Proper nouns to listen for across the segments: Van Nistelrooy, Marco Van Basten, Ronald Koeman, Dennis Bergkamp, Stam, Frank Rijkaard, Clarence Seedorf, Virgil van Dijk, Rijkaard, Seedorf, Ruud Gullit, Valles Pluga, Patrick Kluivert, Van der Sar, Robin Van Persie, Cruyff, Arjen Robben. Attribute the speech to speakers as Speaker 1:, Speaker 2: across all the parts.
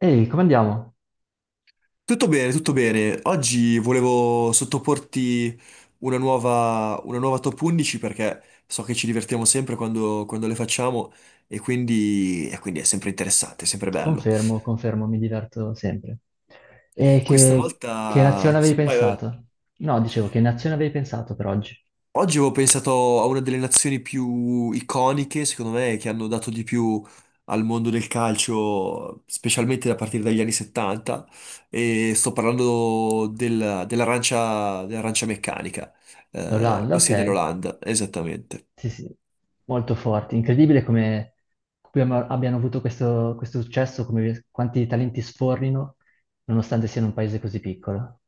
Speaker 1: Ehi, come andiamo?
Speaker 2: Tutto bene, tutto bene. Oggi volevo sottoporti una nuova top 11 perché so che ci divertiamo sempre quando le facciamo e quindi è sempre interessante, è sempre bello.
Speaker 1: Confermo, confermo, mi diverto sempre. E
Speaker 2: Questa
Speaker 1: che nazione
Speaker 2: volta...
Speaker 1: avevi
Speaker 2: Sì, vai, vai.
Speaker 1: pensato? No, dicevo, che nazione avevi pensato per oggi?
Speaker 2: Oggi avevo pensato a una delle nazioni più iconiche, secondo me, che hanno dato di più al mondo del calcio, specialmente a partire dagli anni 70, e sto parlando dell'arancia meccanica,
Speaker 1: L'Olanda, ok.
Speaker 2: ossia dell'Olanda, esattamente.
Speaker 1: Sì, sì, molto forti. Incredibile come abbiano avuto questo successo, come quanti talenti sfornino, nonostante siano un paese così piccolo.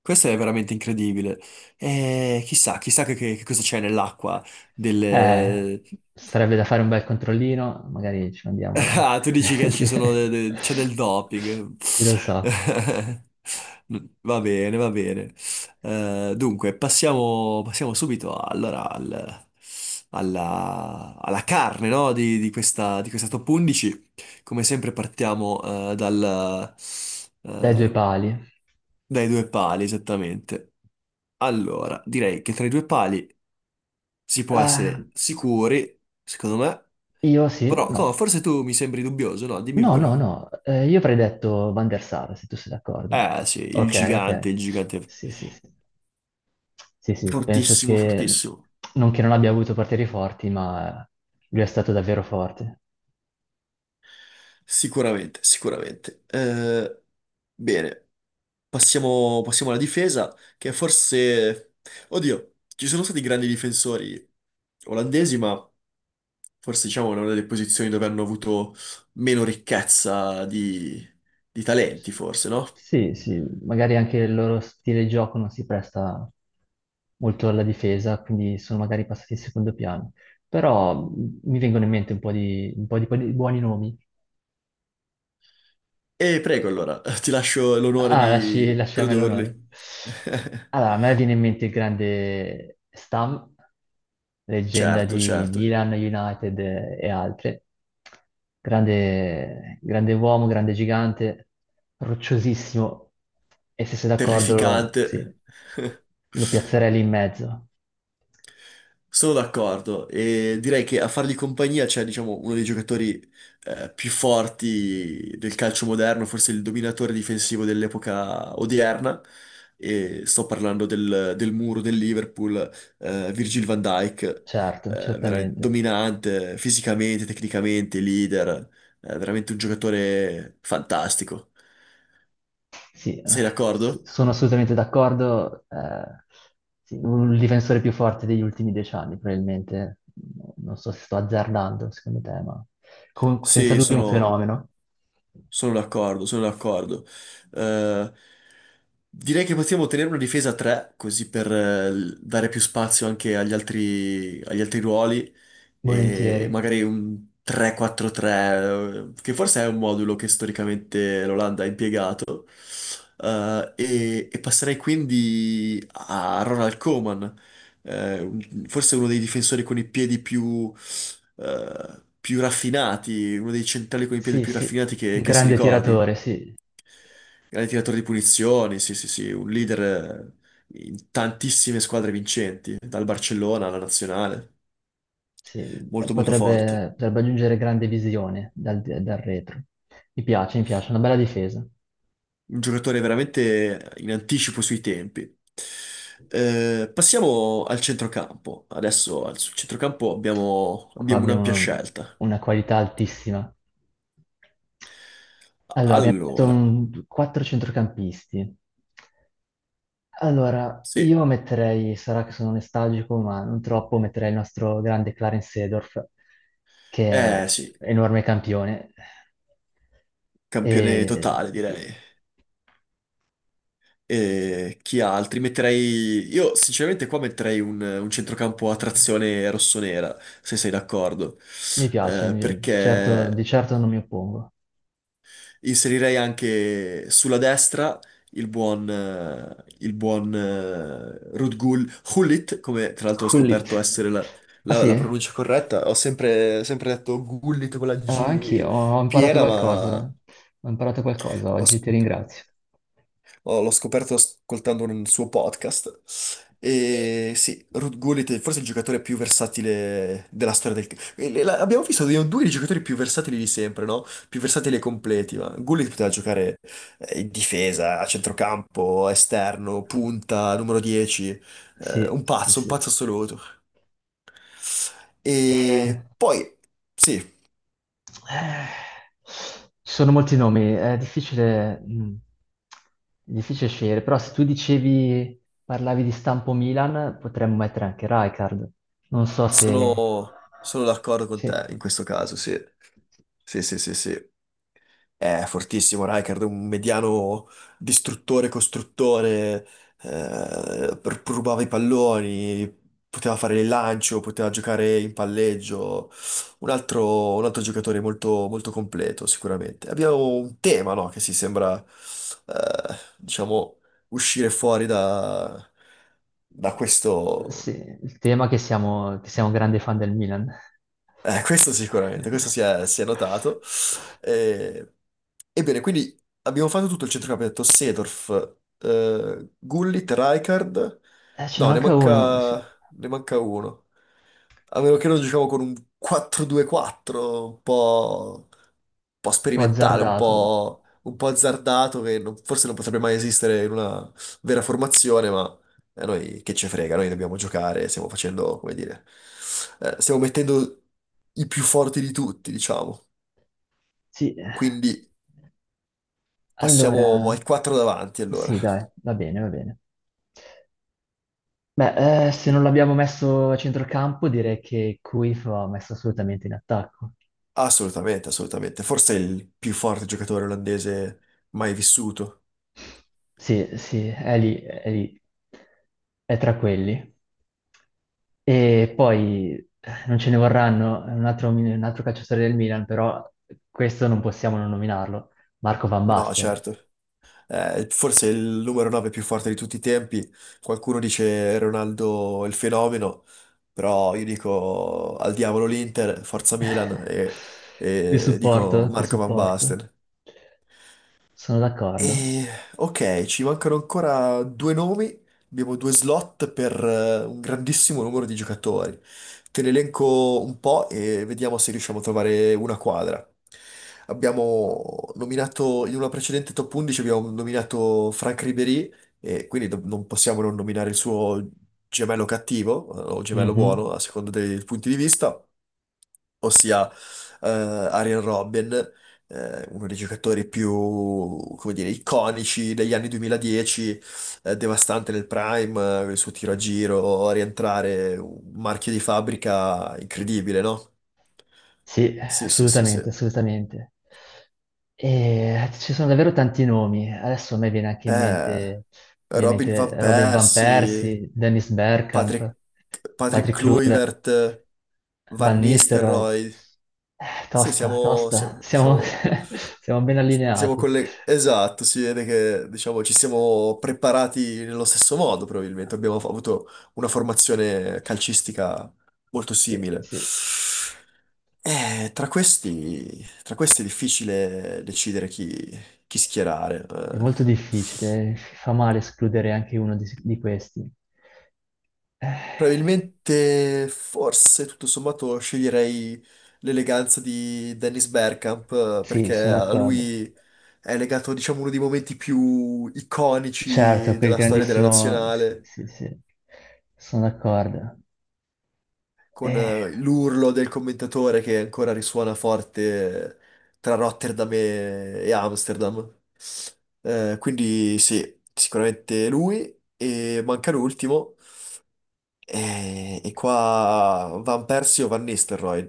Speaker 2: Questo è veramente incredibile. E chissà, chissà che cosa c'è nell'acqua.
Speaker 1: Eh, Sarebbe da fare un bel controllino, magari ci mandiamo.
Speaker 2: Ah, tu dici che
Speaker 1: Sì.
Speaker 2: ci sono c'è del doping.
Speaker 1: Chi lo sa.
Speaker 2: Va bene, va bene. Dunque, passiamo subito allora alla carne, no, di questa top 11. Come sempre partiamo
Speaker 1: Dai due
Speaker 2: eh,
Speaker 1: pali.
Speaker 2: dai due pali, esattamente. Allora, direi che tra i due pali si può
Speaker 1: Ah,
Speaker 2: essere sicuri, secondo me.
Speaker 1: io sì,
Speaker 2: Però,
Speaker 1: no.
Speaker 2: no, forse tu mi sembri dubbioso, no? Dimmi
Speaker 1: No,
Speaker 2: pure.
Speaker 1: no, no. Io avrei detto Van der Sar, se tu sei d'accordo.
Speaker 2: Eh sì, il
Speaker 1: Ok,
Speaker 2: gigante,
Speaker 1: ok.
Speaker 2: il gigante.
Speaker 1: Sì, sì, sì. Sì, sì, penso
Speaker 2: Fortissimo, fortissimo.
Speaker 1: che non abbia avuto portieri forti, ma lui è stato davvero forte.
Speaker 2: Sicuramente, sicuramente. Bene, passiamo alla difesa, che forse... Oddio, ci sono stati grandi difensori olandesi, ma forse diciamo è una delle posizioni dove hanno avuto meno ricchezza di talenti, forse, no?
Speaker 1: Sì, sì, magari anche il loro stile di gioco non si presta molto alla difesa, quindi sono magari passati in secondo piano. Però mi vengono in mente un po' di buoni nomi.
Speaker 2: E prego allora, ti lascio l'onore
Speaker 1: Ah, lasci,
Speaker 2: di
Speaker 1: lasci a me l'onore.
Speaker 2: tradurli.
Speaker 1: Allora, a me viene in mente il grande Stam, leggenda
Speaker 2: Certo,
Speaker 1: di
Speaker 2: certo.
Speaker 1: Milan, United e altre. Grande, grande uomo, grande gigante, rocciosissimo. E se sei d'accordo, sì,
Speaker 2: Terrificante.
Speaker 1: lo piazzerei lì in mezzo.
Speaker 2: Sono d'accordo e direi che a fargli compagnia c'è, diciamo, uno dei giocatori più forti del calcio moderno, forse il dominatore difensivo dell'epoca odierna. E sto parlando del muro del Liverpool, Virgil van Dijk,
Speaker 1: Certo,
Speaker 2: veramente
Speaker 1: certamente.
Speaker 2: dominante fisicamente, tecnicamente, leader, veramente un giocatore fantastico.
Speaker 1: Sì,
Speaker 2: Sei
Speaker 1: sì,
Speaker 2: d'accordo?
Speaker 1: sono assolutamente d'accordo. Sì, un difensore più forte degli ultimi 10 anni, probabilmente. Non so se sto azzardando, secondo te, ma comunque senza
Speaker 2: Sì,
Speaker 1: dubbio un
Speaker 2: sono
Speaker 1: fenomeno.
Speaker 2: Sono d'accordo, sono d'accordo. Eh, Direi che possiamo tenere una difesa a 3, così per dare più spazio anche agli altri ruoli e
Speaker 1: Volentieri.
Speaker 2: magari un 3-4-3, che forse è un modulo che storicamente l'Olanda ha impiegato, e passerei quindi a Ronald Koeman, forse uno dei difensori con i piedi più, più raffinati, uno dei centrali con i piedi
Speaker 1: Sì,
Speaker 2: più
Speaker 1: sì,
Speaker 2: raffinati che,
Speaker 1: un
Speaker 2: che si
Speaker 1: grande tiratore,
Speaker 2: ricordi.
Speaker 1: sì,
Speaker 2: Grande tiratore di punizioni, sì, sì, sì, un leader in tantissime squadre vincenti, dal Barcellona alla nazionale,
Speaker 1: sì.
Speaker 2: molto molto forte.
Speaker 1: Potrebbe aggiungere grande visione dal retro. Mi piace, una bella difesa.
Speaker 2: Un giocatore veramente in anticipo sui tempi. Passiamo al centrocampo. Adesso sul centrocampo abbiamo,
Speaker 1: Qua
Speaker 2: abbiamo un'ampia
Speaker 1: abbiamo
Speaker 2: scelta.
Speaker 1: una qualità altissima. Allora, abbiamo detto
Speaker 2: Allora,
Speaker 1: quattro centrocampisti. Allora,
Speaker 2: sì,
Speaker 1: io metterei, sarà che sono nostalgico, ma non troppo, metterei il nostro grande Clarence Seedorf, che è
Speaker 2: eh sì,
Speaker 1: enorme campione.
Speaker 2: campione
Speaker 1: E
Speaker 2: totale
Speaker 1: sì,
Speaker 2: direi. E chi altri? Metterei. Io sinceramente qua metterei un centrocampo a trazione rossonera, se sei d'accordo.
Speaker 1: mi piace,
Speaker 2: Perché
Speaker 1: di certo non mi oppongo.
Speaker 2: inserirei anche sulla destra il buon Rudgul Hullit, come tra l'altro ho scoperto
Speaker 1: Hullit.
Speaker 2: essere la,
Speaker 1: Ah
Speaker 2: la-
Speaker 1: sì?
Speaker 2: la pronuncia corretta. Ho sempre, sempre detto Gullit con la
Speaker 1: Ah,
Speaker 2: G
Speaker 1: anch'io, ho imparato
Speaker 2: piena,
Speaker 1: qualcosa. Ho imparato qualcosa
Speaker 2: ho,
Speaker 1: oggi, ti ringrazio.
Speaker 2: Oh, l'ho scoperto ascoltando un suo podcast. E sì, Ruud Gullit è forse il giocatore più versatile della storia del... Abbiamo visto due dei giocatori più versatili di sempre, no? Più versatili e completi, ma Gullit poteva giocare in difesa, a centrocampo, esterno, punta, numero 10.
Speaker 1: Sì,
Speaker 2: Un
Speaker 1: sì,
Speaker 2: pazzo, un
Speaker 1: sì.
Speaker 2: pazzo assoluto.
Speaker 1: E,
Speaker 2: E poi, sì,
Speaker 1: eh, Ci sono molti nomi, è difficile scegliere, però se tu dicevi, parlavi di stampo Milan, potremmo mettere anche Rijkaard. Non so se.
Speaker 2: sono d'accordo con te
Speaker 1: Sì,
Speaker 2: in questo caso, sì. Sì, sì, sì, sì. È fortissimo Rijkaard, un mediano distruttore, costruttore, rubava i palloni, poteva fare il lancio, poteva giocare in palleggio, un altro giocatore molto, molto completo sicuramente. Abbiamo un tema, no, che si sembra, diciamo, uscire fuori da
Speaker 1: sì,
Speaker 2: questo...
Speaker 1: il tema è che siamo grandi fan del Milan.
Speaker 2: Questo sicuramente, questo si è notato. Eh, Ebbene, quindi abbiamo fatto tutto il centrocampo, abbiamo detto Seedorf, Gullit, Rijkaard.
Speaker 1: Ce ne
Speaker 2: No, ne
Speaker 1: manca uno,
Speaker 2: manca,
Speaker 1: sì,
Speaker 2: ne manca uno. A meno che non giochiamo con un 4-2-4, un po'
Speaker 1: ho
Speaker 2: sperimentale, un
Speaker 1: azzardato.
Speaker 2: po', un po' azzardato, che forse non potrebbe mai esistere in una vera formazione, ma a noi che ci frega, noi dobbiamo giocare, stiamo facendo, come dire, stiamo mettendo i più forti di tutti, diciamo.
Speaker 1: Sì,
Speaker 2: Quindi
Speaker 1: allora,
Speaker 2: passiamo ai quattro davanti, allora.
Speaker 1: sì, dai, va bene, va bene. Beh, se
Speaker 2: Sì.
Speaker 1: non l'abbiamo messo a centrocampo, direi che Cruyff va messo assolutamente in attacco.
Speaker 2: Assolutamente, assolutamente. Forse è il più forte giocatore olandese mai vissuto.
Speaker 1: Sì, sì, è lì, è lì, è tra quelli. E poi non ce ne vorranno, è un altro calciatore del Milan, però questo non possiamo non nominarlo, Marco Van
Speaker 2: No,
Speaker 1: Basten.
Speaker 2: certo. Forse il numero 9 più forte di tutti i tempi. Qualcuno dice Ronaldo è il fenomeno, però io dico al diavolo l'Inter, forza Milan e, e dico
Speaker 1: Ti
Speaker 2: Marco Van
Speaker 1: supporto,
Speaker 2: Basten.
Speaker 1: sono d'accordo.
Speaker 2: E, ok, ci mancano ancora due nomi, abbiamo due slot per un grandissimo numero di giocatori. Te ne elenco un po' e vediamo se riusciamo a trovare una quadra. Abbiamo nominato, in una precedente top 11 abbiamo nominato Franck Ribéry e quindi non possiamo non nominare il suo gemello cattivo o gemello
Speaker 1: Mhm.
Speaker 2: buono, a seconda dei punti di vista, ossia Arjen Robben, uno dei giocatori più, come dire, iconici degli anni 2010, devastante nel prime, il suo tiro a giro, a rientrare, un marchio di fabbrica incredibile, no?
Speaker 1: Sì,
Speaker 2: Sì, sì, sì, sì.
Speaker 1: assolutamente, assolutamente. E ci sono davvero tanti nomi. Adesso a me viene anche in
Speaker 2: Eh,
Speaker 1: mente,
Speaker 2: Robin Van
Speaker 1: ovviamente, Robin Van
Speaker 2: Persie,
Speaker 1: Persie, Dennis Bergkamp,
Speaker 2: Patrick, Patrick
Speaker 1: Patrick Kluivert,
Speaker 2: Kluivert, Van
Speaker 1: Van Nistelrooy.
Speaker 2: Nistelrooy. Sì,
Speaker 1: Tosta, tosta, siamo, siamo ben allineati.
Speaker 2: esatto, si vede che diciamo, ci siamo preparati nello stesso modo, probabilmente. Abbiamo avuto una formazione calcistica molto
Speaker 1: Sì,
Speaker 2: simile.
Speaker 1: sì.
Speaker 2: Tra questi è difficile decidere chi schierare.
Speaker 1: È
Speaker 2: eh.
Speaker 1: molto difficile, fa male escludere anche uno di questi. Eh,
Speaker 2: Probabilmente, forse tutto sommato sceglierei l'eleganza di Dennis Bergkamp
Speaker 1: sì,
Speaker 2: perché
Speaker 1: sono
Speaker 2: a
Speaker 1: d'accordo.
Speaker 2: lui è legato, diciamo, uno dei momenti più
Speaker 1: Certo,
Speaker 2: iconici
Speaker 1: quel
Speaker 2: della storia della
Speaker 1: grandissimo. Sì,
Speaker 2: nazionale,
Speaker 1: sì, sì, sono d'accordo.
Speaker 2: con
Speaker 1: Eh.
Speaker 2: l'urlo del commentatore che ancora risuona forte tra Rotterdam e Amsterdam. Quindi sì, sicuramente lui e manca l'ultimo. Qua Van Persie o Van Nistelrooy?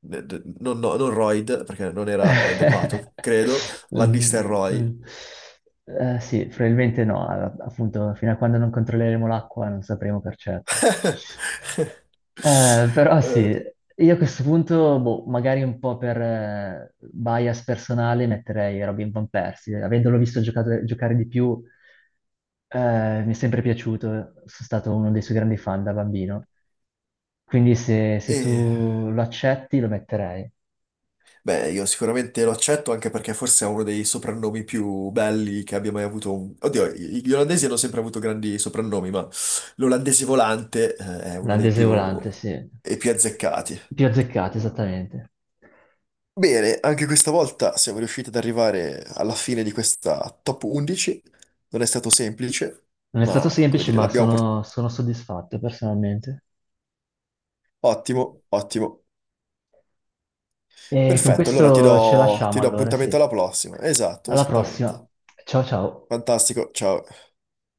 Speaker 2: Non, no, non Royd, perché non era dopato, credo. Van
Speaker 1: Mm,
Speaker 2: Nistelrooy.
Speaker 1: mm. Sì, probabilmente no, appunto, fino a quando non controlleremo l'acqua non sapremo per certo. Però
Speaker 2: Eh,
Speaker 1: sì, io a questo punto, boh, magari un po' per bias personale metterei Robin Van Persie, avendolo visto giocare di più, mi è sempre piaciuto, sono stato uno dei suoi grandi fan da bambino, quindi se
Speaker 2: e-
Speaker 1: tu lo accetti lo metterei.
Speaker 2: Beh, io sicuramente lo accetto anche perché forse è uno dei soprannomi più belli che abbia mai avuto. Oddio, gli olandesi hanno sempre avuto grandi soprannomi, ma l'olandese volante, è uno
Speaker 1: La Deseolante, sì.
Speaker 2: dei più azzeccati.
Speaker 1: Più azzeccata, esattamente.
Speaker 2: Bene, anche questa volta siamo riusciti ad arrivare alla fine di questa top 11. Non è stato semplice,
Speaker 1: Non è stato
Speaker 2: ma come
Speaker 1: semplice,
Speaker 2: dire,
Speaker 1: ma
Speaker 2: l'abbiamo portata.
Speaker 1: sono soddisfatto personalmente.
Speaker 2: Ottimo, ottimo.
Speaker 1: E con
Speaker 2: Perfetto, allora ti
Speaker 1: questo ce
Speaker 2: do,
Speaker 1: lasciamo
Speaker 2: ti do
Speaker 1: allora,
Speaker 2: appuntamento
Speaker 1: sì.
Speaker 2: alla prossima. Esatto,
Speaker 1: Alla prossima.
Speaker 2: esattamente.
Speaker 1: Ciao ciao.
Speaker 2: Fantastico, ciao.